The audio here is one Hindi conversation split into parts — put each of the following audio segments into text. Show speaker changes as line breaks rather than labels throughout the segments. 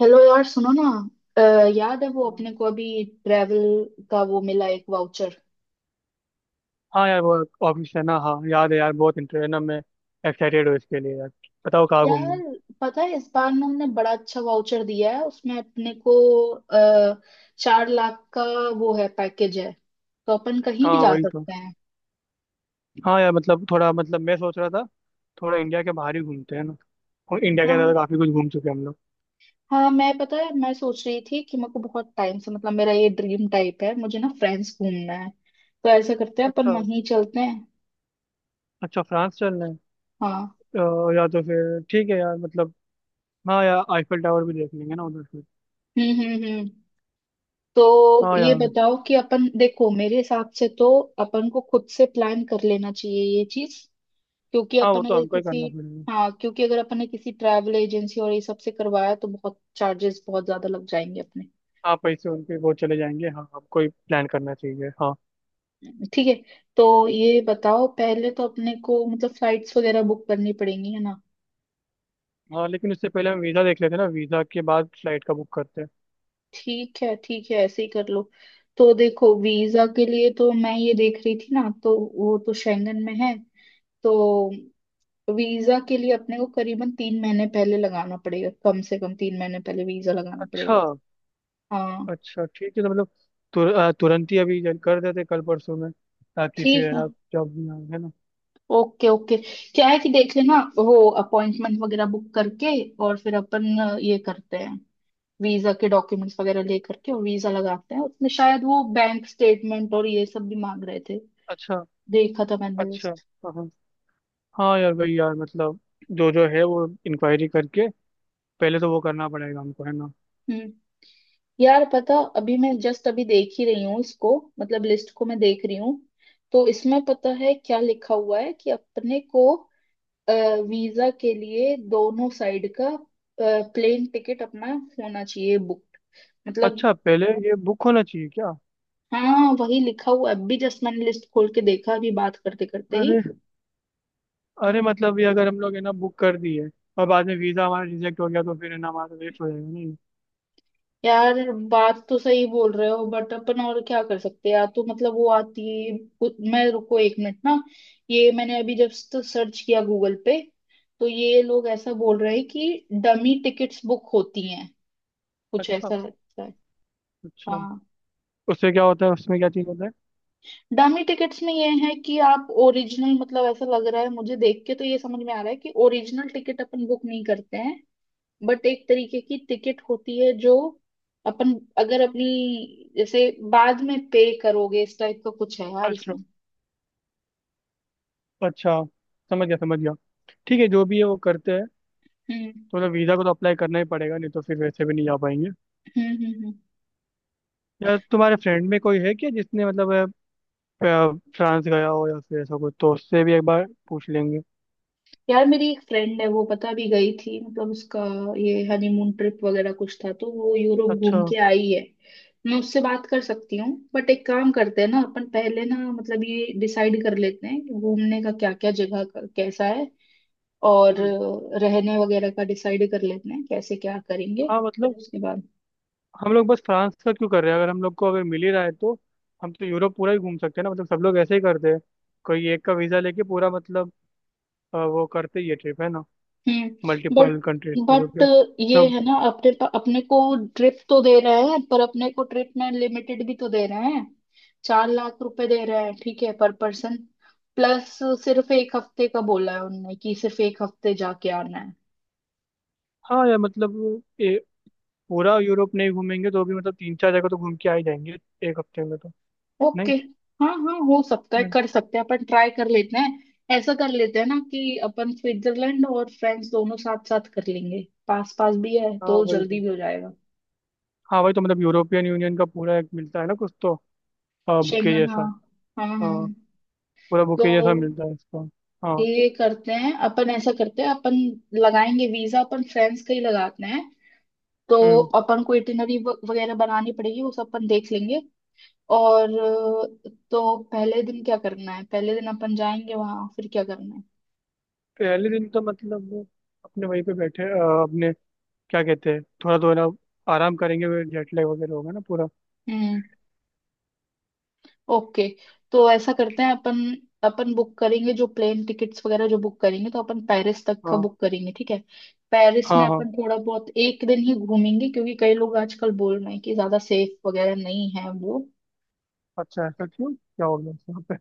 हेलो यार, सुनो ना। अ, याद है वो अपने को अभी ट्रेवल का वो मिला एक वाउचर?
हाँ यार वो ऑफिस है ना। हाँ याद है यार, बहुत इंटरेस्ट है ना। मैं एक्साइटेड हूँ इसके लिए यार। बताओ कहाँ घूमना
यार,
है।
पता है, इस बार ना हमने बड़ा अच्छा वाउचर दिया है उसमें अपने को। आ, 4 लाख का वो है, पैकेज है, तो अपन कहीं भी
हाँ
जा
वही तो।
सकते हैं।
हाँ यार मतलब थोड़ा मतलब मैं सोच रहा था थोड़ा इंडिया के बाहर ही घूमते हैं ना। और इंडिया के अंदर
हाँ।
तो काफी कुछ घूम चुके हैं हम लोग।
हाँ मैं, पता है, मैं सोच रही थी कि मेरे को बहुत टाइम से, मतलब, मेरा ये ड्रीम टाइप है, मुझे ना फ्रेंड्स घूमना है। तो ऐसा करते हैं, अपन
अच्छा।
वहीं चलते हैं।
अच्छा, फ्रांस चलना है।
हाँ।
अ, या तो फिर ठीक है यार मतलब। हाँ यार, आईफिल टावर भी देख लेंगे ना उधर से।
हम्म हम्म हम्म तो
हाँ
ये
यार।
बताओ कि अपन, देखो, मेरे हिसाब से तो अपन को खुद से प्लान कर लेना चाहिए ये चीज क्योंकि
हाँ वो
अपन
तो
अगर
हमको ही
किसी,
करना पड़ेगा।
हाँ, क्योंकि अगर अपन ने किसी ट्रैवल एजेंसी और ये सब से करवाया तो बहुत चार्जेस, बहुत ज्यादा लग जाएंगे अपने।
हाँ पैसे उनके वो चले जाएंगे। हाँ हमको ही प्लान करना चाहिए। हाँ।
ठीक है। तो ये बताओ, पहले तो अपने को मतलब फ्लाइट्स वगैरह बुक करनी पड़ेंगी, है ना?
हाँ लेकिन उससे पहले हम वीज़ा देख लेते हैं ना, वीज़ा के बाद फ्लाइट का बुक करते हैं।
ठीक है, ठीक है, ऐसे ही कर लो। तो देखो, वीजा के लिए तो मैं ये देख रही थी ना, तो वो तो शेंगन में है। तो वीजा के लिए अपने को करीबन 3 महीने पहले लगाना पड़ेगा, कम से कम 3 महीने पहले वीजा लगाना
अच्छा।
पड़ेगा। हाँ।
अच्छा ठीक है, तो मतलब तुरंत ही अभी कर देते कल परसों में, ताकि फिर
ठीक
है
है।
ना जॉब ना आए, है ना।
Okay okay. क्या है कि देख लेना वो, अपॉइंटमेंट वगैरह बुक करके। और फिर अपन ये करते हैं, वीजा के डॉक्यूमेंट्स वगैरह ले करके और वीजा लगाते हैं। उसमें शायद वो बैंक स्टेटमेंट और ये सब भी मांग रहे थे,
अच्छा।
देखा था मैंने
अच्छा।
लिस्ट।
हाँ हाँ। हाँ यार, भाई यार, मतलब जो जो है वो इंक्वायरी करके पहले तो वो करना पड़ेगा हमको है ना।
हम्म। यार, पता, अभी मैं जस्ट अभी देख ही रही हूँ इसको, मतलब लिस्ट को मैं देख रही हूँ। तो इसमें पता है क्या लिखा हुआ है कि अपने को वीजा के लिए दोनों साइड का प्लेन टिकट अपना होना चाहिए बुक, मतलब।
अच्छा, पहले ये बुक होना चाहिए क्या?
हाँ, वही लिखा हुआ है। अभी जस्ट मैंने लिस्ट खोल के देखा, अभी बात करते करते ही।
अरे। अरे मतलब ये अगर हम लोग है ना बुक कर दिए और बाद में वीज़ा हमारा रिजेक्ट हो गया, तो फिर है ना हमारा वेस्ट हो जाएगा नहीं?
यार, बात तो सही बोल रहे हो, बट अपन और क्या कर सकते हैं यार? तो मतलब वो आती है मैं, रुको एक मिनट ना। ये मैंने अभी जस्ट सर्च किया गूगल पे, तो ये लोग ऐसा बोल रहे हैं कि डमी टिकट्स बुक होती हैं, कुछ
अच्छा।
ऐसा लगता है।
अच्छा,
हाँ।
उससे क्या होता है, उसमें क्या चीज़ होता है?
डामी टिकट्स में ये है कि आप ओरिजिनल, मतलब ऐसा लग रहा है मुझे, देख के तो ये समझ में आ रहा है कि ओरिजिनल टिकट अपन बुक नहीं करते हैं, बट एक तरीके की टिकट होती है जो अपन अगर अपनी, जैसे बाद में पे करोगे, इस टाइप का कुछ है यार
अच्छा।
इसमें।
अच्छा, समझ गया। ठीक है, जो भी है वो करते हैं।
हम्म
तो मतलब वीज़ा को तो अप्लाई करना ही पड़ेगा, नहीं तो फिर वैसे भी नहीं जा पाएंगे।
हम्म हम्म हम्म
यार तुम्हारे फ्रेंड में कोई है क्या जिसने मतलब फ्रांस गया हो या फिर ऐसा कुछ, तो उससे भी एक बार पूछ लेंगे।
यार, मेरी एक फ्रेंड है, वो पता भी गई थी, मतलब उसका ये हनीमून ट्रिप वगैरह कुछ था, तो वो यूरोप घूम
अच्छा।
के आई है। मैं उससे बात कर सकती हूँ। बट एक काम करते हैं ना, अपन पहले ना, मतलब ये डिसाइड कर लेते हैं कि घूमने का क्या क्या जगह कैसा है। और
हम्म।
रहने वगैरह का डिसाइड कर लेते हैं कैसे क्या करेंगे।
हाँ
फिर
मतलब
उसके बाद।
हम लोग बस फ्रांस का क्यों कर रहे हैं, अगर हम लोग को अगर मिल ही रहा है तो? हम तो यूरोप पूरा ही घूम सकते हैं ना, मतलब सब लोग ऐसे ही करते हैं, कोई एक का वीज़ा लेके पूरा मतलब वो करते ही है ट्रिप है ना,
हम्म बट
मल्टीपल कंट्रीज पे तो
बट
फिर
ये
सब।
है ना, अपने को ट्रिप तो दे रहे हैं पर अपने को ट्रिप में लिमिटेड भी तो दे रहे हैं। 4 लाख रुपए दे रहे हैं, ठीक है, पर पर्सन प्लस। सिर्फ एक हफ्ते का बोला है उनने, कि सिर्फ एक हफ्ते जाके आना है।
हाँ यार मतलब पूरा यूरोप नहीं घूमेंगे तो भी मतलब तीन चार जगह तो घूम के आ ही जाएंगे एक हफ्ते में तो। नहीं।
ओके। हाँ हाँ, हो सकता है, कर सकते हैं, अपन ट्राई कर लेते हैं। ऐसा कर लेते हैं ना कि अपन स्विट्जरलैंड और फ्रांस दोनों साथ साथ कर लेंगे, पास पास भी है
हाँ
तो
वही
जल्दी
तो।
भी हो जाएगा।
हाँ वही तो, मतलब यूरोपियन यूनियन का पूरा एक मिलता है ना कुछ तो। हाँ, बुके
शेंगन, हाँ।
जैसा।
हाँ हाँ।
हाँ, पूरा
तो
बुके जैसा मिलता है इसका। हाँ।
ये करते हैं अपन, ऐसा करते हैं अपन, लगाएंगे वीजा, अपन फ्रेंड्स का ही लगाते हैं। तो
हम्म।
अपन को इटिनरी वगैरह बनानी पड़ेगी, वो सब अपन देख लेंगे। और तो पहले दिन क्या करना है, पहले दिन अपन जाएंगे वहां, फिर क्या करना है।
पहले दिन तो मतलब वो अपने वहीं पे बैठे अपने क्या कहते हैं थोड़ा तो है ना, आराम करेंगे, जेट लैग वगैरह होगा ना पूरा।
हम्म। ओके। तो ऐसा करते हैं अपन, अपन बुक करेंगे जो प्लेन टिकट्स वगैरह जो बुक करेंगे, तो अपन पेरिस तक का
हाँ।
बुक करेंगे, ठीक है। पेरिस में
हाँ। हाँ
अपन थोड़ा बहुत एक दिन ही घूमेंगे, क्योंकि कई लोग आजकल बोल रहे हैं कि ज्यादा सेफ वगैरह नहीं है वो।
अच्छा, ऐसा क्यों, क्या हो गया यहाँ पे?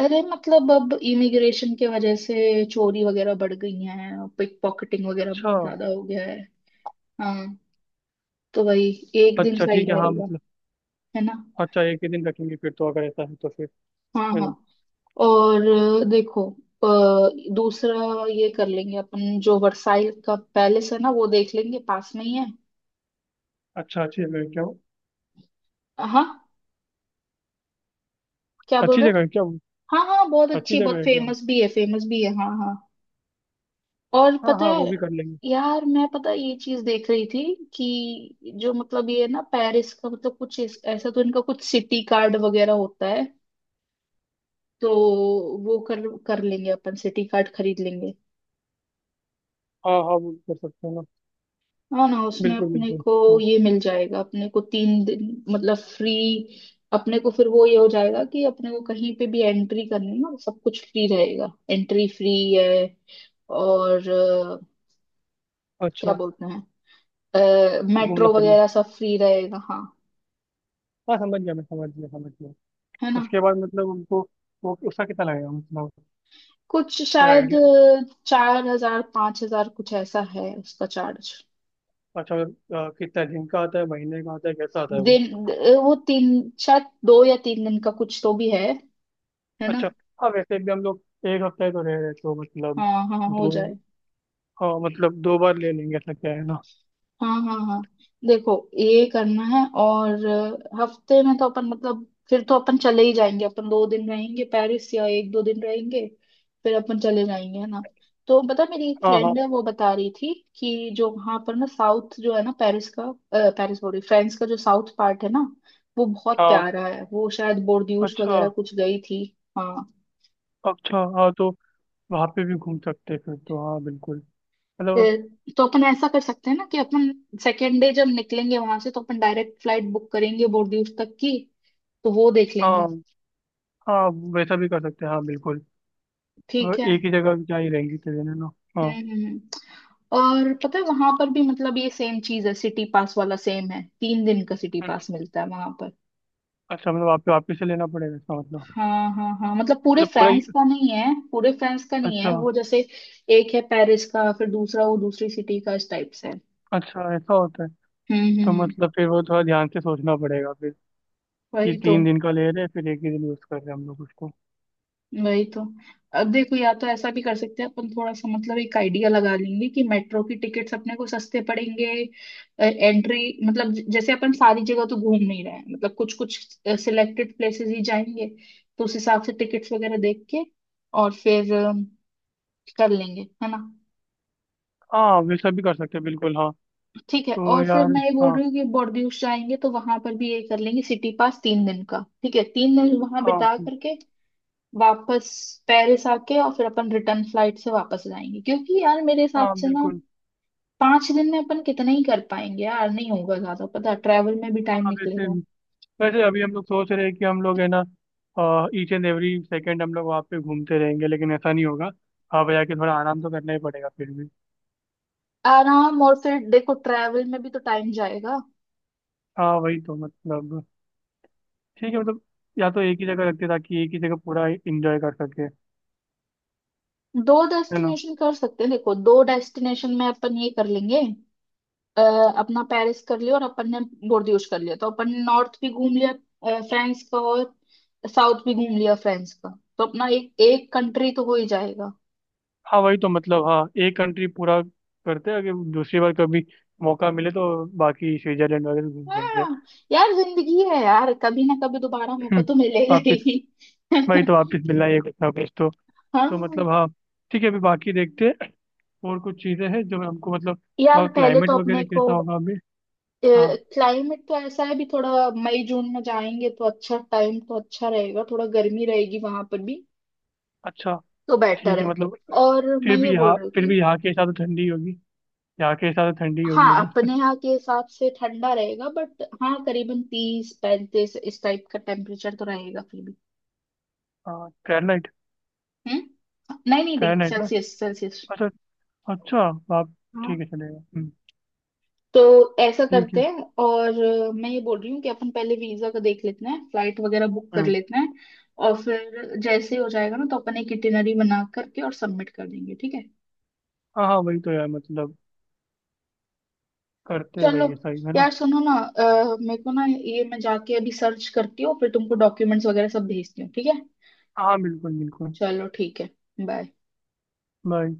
अरे, मतलब अब इमिग्रेशन के वजह से चोरी वगैरह बढ़ गई है, पिक पॉकेटिंग वगैरह
अच्छा।
ज्यादा हो गया है। हाँ। तो वही, एक दिन
अच्छा
सही
ठीक है, हाँ
रहेगा,
मतलब।
है ना।
अच्छा एक ही दिन रखेंगे फिर तो, अगर ऐसा है तो फिर,
हाँ
है
हाँ।
ना।
और देखो, अ, दूसरा ये कर लेंगे अपन, जो वर्साइल का पैलेस है ना वो देख लेंगे, पास में ही है।
अच्छा, अच्छी जगह है क्या वो?
हाँ, क्या बोल
अच्छी
रहे हैं।
जगह है क्या वो?
हाँ हाँ, बहुत
अच्छी
अच्छी,
जगह
बहुत
है क्या वो?
फेमस भी है, फेमस भी है, हाँ हाँ। और
हाँ
पता
हाँ, वो
है,
भी कर लेंगे।
यार मैं, पता है, ये चीज देख रही थी कि जो मतलब ये है ना, पेरिस का मतलब कुछ ऐसा, तो इनका कुछ सिटी कार्ड वगैरह होता है। तो वो कर, कर लेंगे अपन, सिटी कार्ड खरीद लेंगे।
हाँ हाँ, वो भी कर सकते हैं ना।
हाँ ना, उसमें
बिल्कुल
अपने
बिल्कुल।
को
हाँ।
ये मिल जाएगा, अपने को 3 दिन मतलब फ्री। अपने को फिर वो ये हो जाएगा कि अपने को कहीं पे भी एंट्री करनी ना, सब कुछ फ्री रहेगा, एंट्री फ्री है। और क्या
अच्छा।
बोलते हैं,
घूमना
मेट्रो
फिरना।
वगैरह सब फ्री रहेगा, हाँ,
हाँ समझ गया, मैं समझ गया।
है ना।
उसके बाद मतलब उनको वो उसका कितना लगेगा मतलब?
कुछ
कोई
शायद
आइडिया?
4 हजार 5 हजार, कुछ ऐसा है उसका चार्ज।
अच्छा। कितना दिन का आता है, महीने का आता है, कैसा आता है वो?
दिन, वो तीन, शायद दो या तीन दिन का कुछ तो भी है ना।
अच्छा। हाँ वैसे भी हम लोग एक हफ्ते तो रह रहे हैं, तो मतलब
हाँ हाँ हो
दो।
जाए।
हाँ मतलब दो बार ले लेंगे ऐसा, क्या है ना।
हाँ हाँ हाँ। देखो, ये करना है और हफ्ते में तो अपन मतलब, फिर तो अपन चले ही जाएंगे, अपन 2 दिन रहेंगे पेरिस या एक दो दिन रहेंगे, फिर अपन चले जाएंगे, है ना। तो बता, मेरी एक
हाँ हाँ
फ्रेंड है, वो बता रही थी कि जो वहां पर ना साउथ जो है ना पेरिस का, पेरिस बोल रही, फ्रांस का जो साउथ पार्ट है ना, वो बहुत
हाँ।
प्यारा है, वो शायद बोर्डियूस
अच्छा।
वगैरह कुछ गई थी। हाँ।
अच्छा हाँ, तो वहाँ पे भी घूम सकते हैं फिर तो, हाँ बिल्कुल,
अ,
मतलब।
तो अपन ऐसा कर सकते हैं ना कि अपन सेकेंड डे जब निकलेंगे वहां से तो अपन डायरेक्ट फ्लाइट बुक करेंगे बोर्डियूस तक की, तो वो देख
हाँ।
लेंगे।
हाँ वैसा भी कर सकते हैं, हाँ बिल्कुल।
ठीक है।
एक ही जगह क्या ही रहेंगे इतने दिन, है ना। हाँ।
हम्म हम्म हम्म। और पता है, वहां पर भी मतलब ये सेम चीज है, सिटी पास वाला सेम है, 3 दिन का सिटी पास मिलता है वहां पर।
अच्छा मतलब आपको वापिस से लेना पड़ेगा इसका मतलब?
हाँ हाँ हाँ, मतलब पूरे
मतलब पूरा ही-।
फ्रांस का नहीं है। पूरे फ्रांस का नहीं है
अच्छा।
वो, जैसे एक है पेरिस का, फिर दूसरा वो दूसरी सिटी का, इस टाइप से है।
अच्छा, ऐसा होता है।
हम्म हम्म
तो
हम्म
मतलब फिर वो थोड़ा ध्यान से सोचना पड़ेगा फिर, कि
वही तो।
तीन दिन का ले रहे हैं फिर एक ही दिन यूज कर रहे हैं हम लोग उसको।
वही तो। अब देखो, या तो ऐसा भी कर सकते हैं अपन, थोड़ा सा मतलब एक आइडिया लगा लेंगे कि मेट्रो की टिकट्स अपने को सस्ते पड़ेंगे। एंट्री, मतलब जैसे अपन सारी जगह तो घूम नहीं रहे हैं, मतलब कुछ कुछ सिलेक्टेड प्लेसेस ही जाएंगे। तो उस हिसाब से टिकट्स वगैरह देख के और फिर कर लेंगे, है ना।
हाँ वैसा भी कर सकते हैं, बिल्कुल हाँ।
ठीक है। और
तो
फिर
यार।
मैं ये बोल
हाँ।
रही हूँ कि बोर्डियूस जाएंगे तो वहां पर भी ये कर लेंगे सिटी पास, 3 दिन का ठीक है, 3 दिन वहां
हाँ।
बिता करके वापस पेरिस आके और फिर अपन रिटर्न फ्लाइट से वापस जाएंगे। क्योंकि यार मेरे हिसाब
हाँ
से ना,
बिल्कुल।
5 दिन में अपन कितना ही कर पाएंगे यार, नहीं होगा ज्यादा, पता, ट्रैवल में भी टाइम
हाँ वैसे,
निकलेगा।
वैसे अभी हम लोग सोच रहे हैं कि हम लोग है ना ईच एंड एवरी सेकेंड हम लोग वहाँ पे घूमते रहेंगे, लेकिन ऐसा नहीं होगा। वहाँ पे जाके थोड़ा आराम तो करना ही पड़ेगा फिर भी।
आराम, और फिर देखो ट्रैवल में भी तो टाइम जाएगा।
हाँ वही तो, मतलब ठीक है मतलब, या तो एक ही जगह रखते ताकि एक ही जगह पूरा इंजॉय कर सके,
दो
है ना।
डेस्टिनेशन कर सकते हैं, देखो दो डेस्टिनेशन में अपन ये कर लेंगे, अ, अपना पेरिस कर लिया और अपन ने बोर्डियूस कर लिया, तो अपन ने नॉर्थ भी घूम लिया फ्रांस का और साउथ भी घूम लिया फ्रांस का, तो अपना एक एक कंट्री तो हो ही जाएगा।
हाँ वही तो, मतलब हाँ एक कंट्री पूरा करते हैं, अगर दूसरी बार कभी मौका मिले तो बाकी स्विट्जरलैंड वगैरह घूम लेंगे।
हाँ। यार, जिंदगी है यार, कभी ना कभी दोबारा मौका
हम्म।
तो मिलेगा
वापिस।
ही।
वही तो, वापिस मिलना है कुछ ना कुछ तो। तो
हाँ।
मतलब हाँ, ठीक है, अभी बाकी देखते हैं। और कुछ चीज़ें हैं जो हमको मतलब
यार,
वहाँ
पहले
क्लाइमेट
तो अपने
वगैरह
को,
कैसा होगा अभी? हाँ।
क्लाइमेट तो ऐसा है भी थोड़ा, मई जून में जाएंगे तो अच्छा टाइम, तो अच्छा रहेगा, थोड़ा गर्मी रहेगी वहां पर भी,
अच्छा
तो बेटर
ठीक है
है।
मतलब।
और मैं ये बोल रही
फिर
थी।
भी यहाँ के हिसाब से ठंडी होगी यहाँ के हिसाब से ठंडी होगी
हाँ,
उधर
अपने यहाँ के हिसाब से ठंडा रहेगा बट हाँ, करीबन 30-35 इस टाइप का टेम्परेचर तो रहेगा फिर भी।
हाँ, फ़ारेनहाइट।
हम्म, नहीं नहीं, डिग्री
फ़ारेनहाइट ना?
Celsius, Celsius.
अच्छा। अच्छा। आप। ठीक है, चलेगा। हम्म।
तो ऐसा
ठीक
करते
है।
हैं। और मैं ये बोल रही हूँ कि अपन पहले वीजा का देख लेते हैं, फ्लाइट वगैरह बुक कर
हम्म।
लेते हैं। और फिर जैसे ही हो जाएगा ना तो अपन एक इटिनरी बना करके और सबमिट कर देंगे, ठीक है।
हाँ हाँ वही तो यार, मतलब करते हैं,
चलो।
वही है सही है ना।
यार सुनो ना, मेरे को ना ये, मैं जाके अभी सर्च करती हूँ, फिर तुमको डॉक्यूमेंट्स वगैरह सब भेजती हूँ, ठीक है।
हाँ बिल्कुल बिल्कुल।
चलो, ठीक है। बाय।
बाय।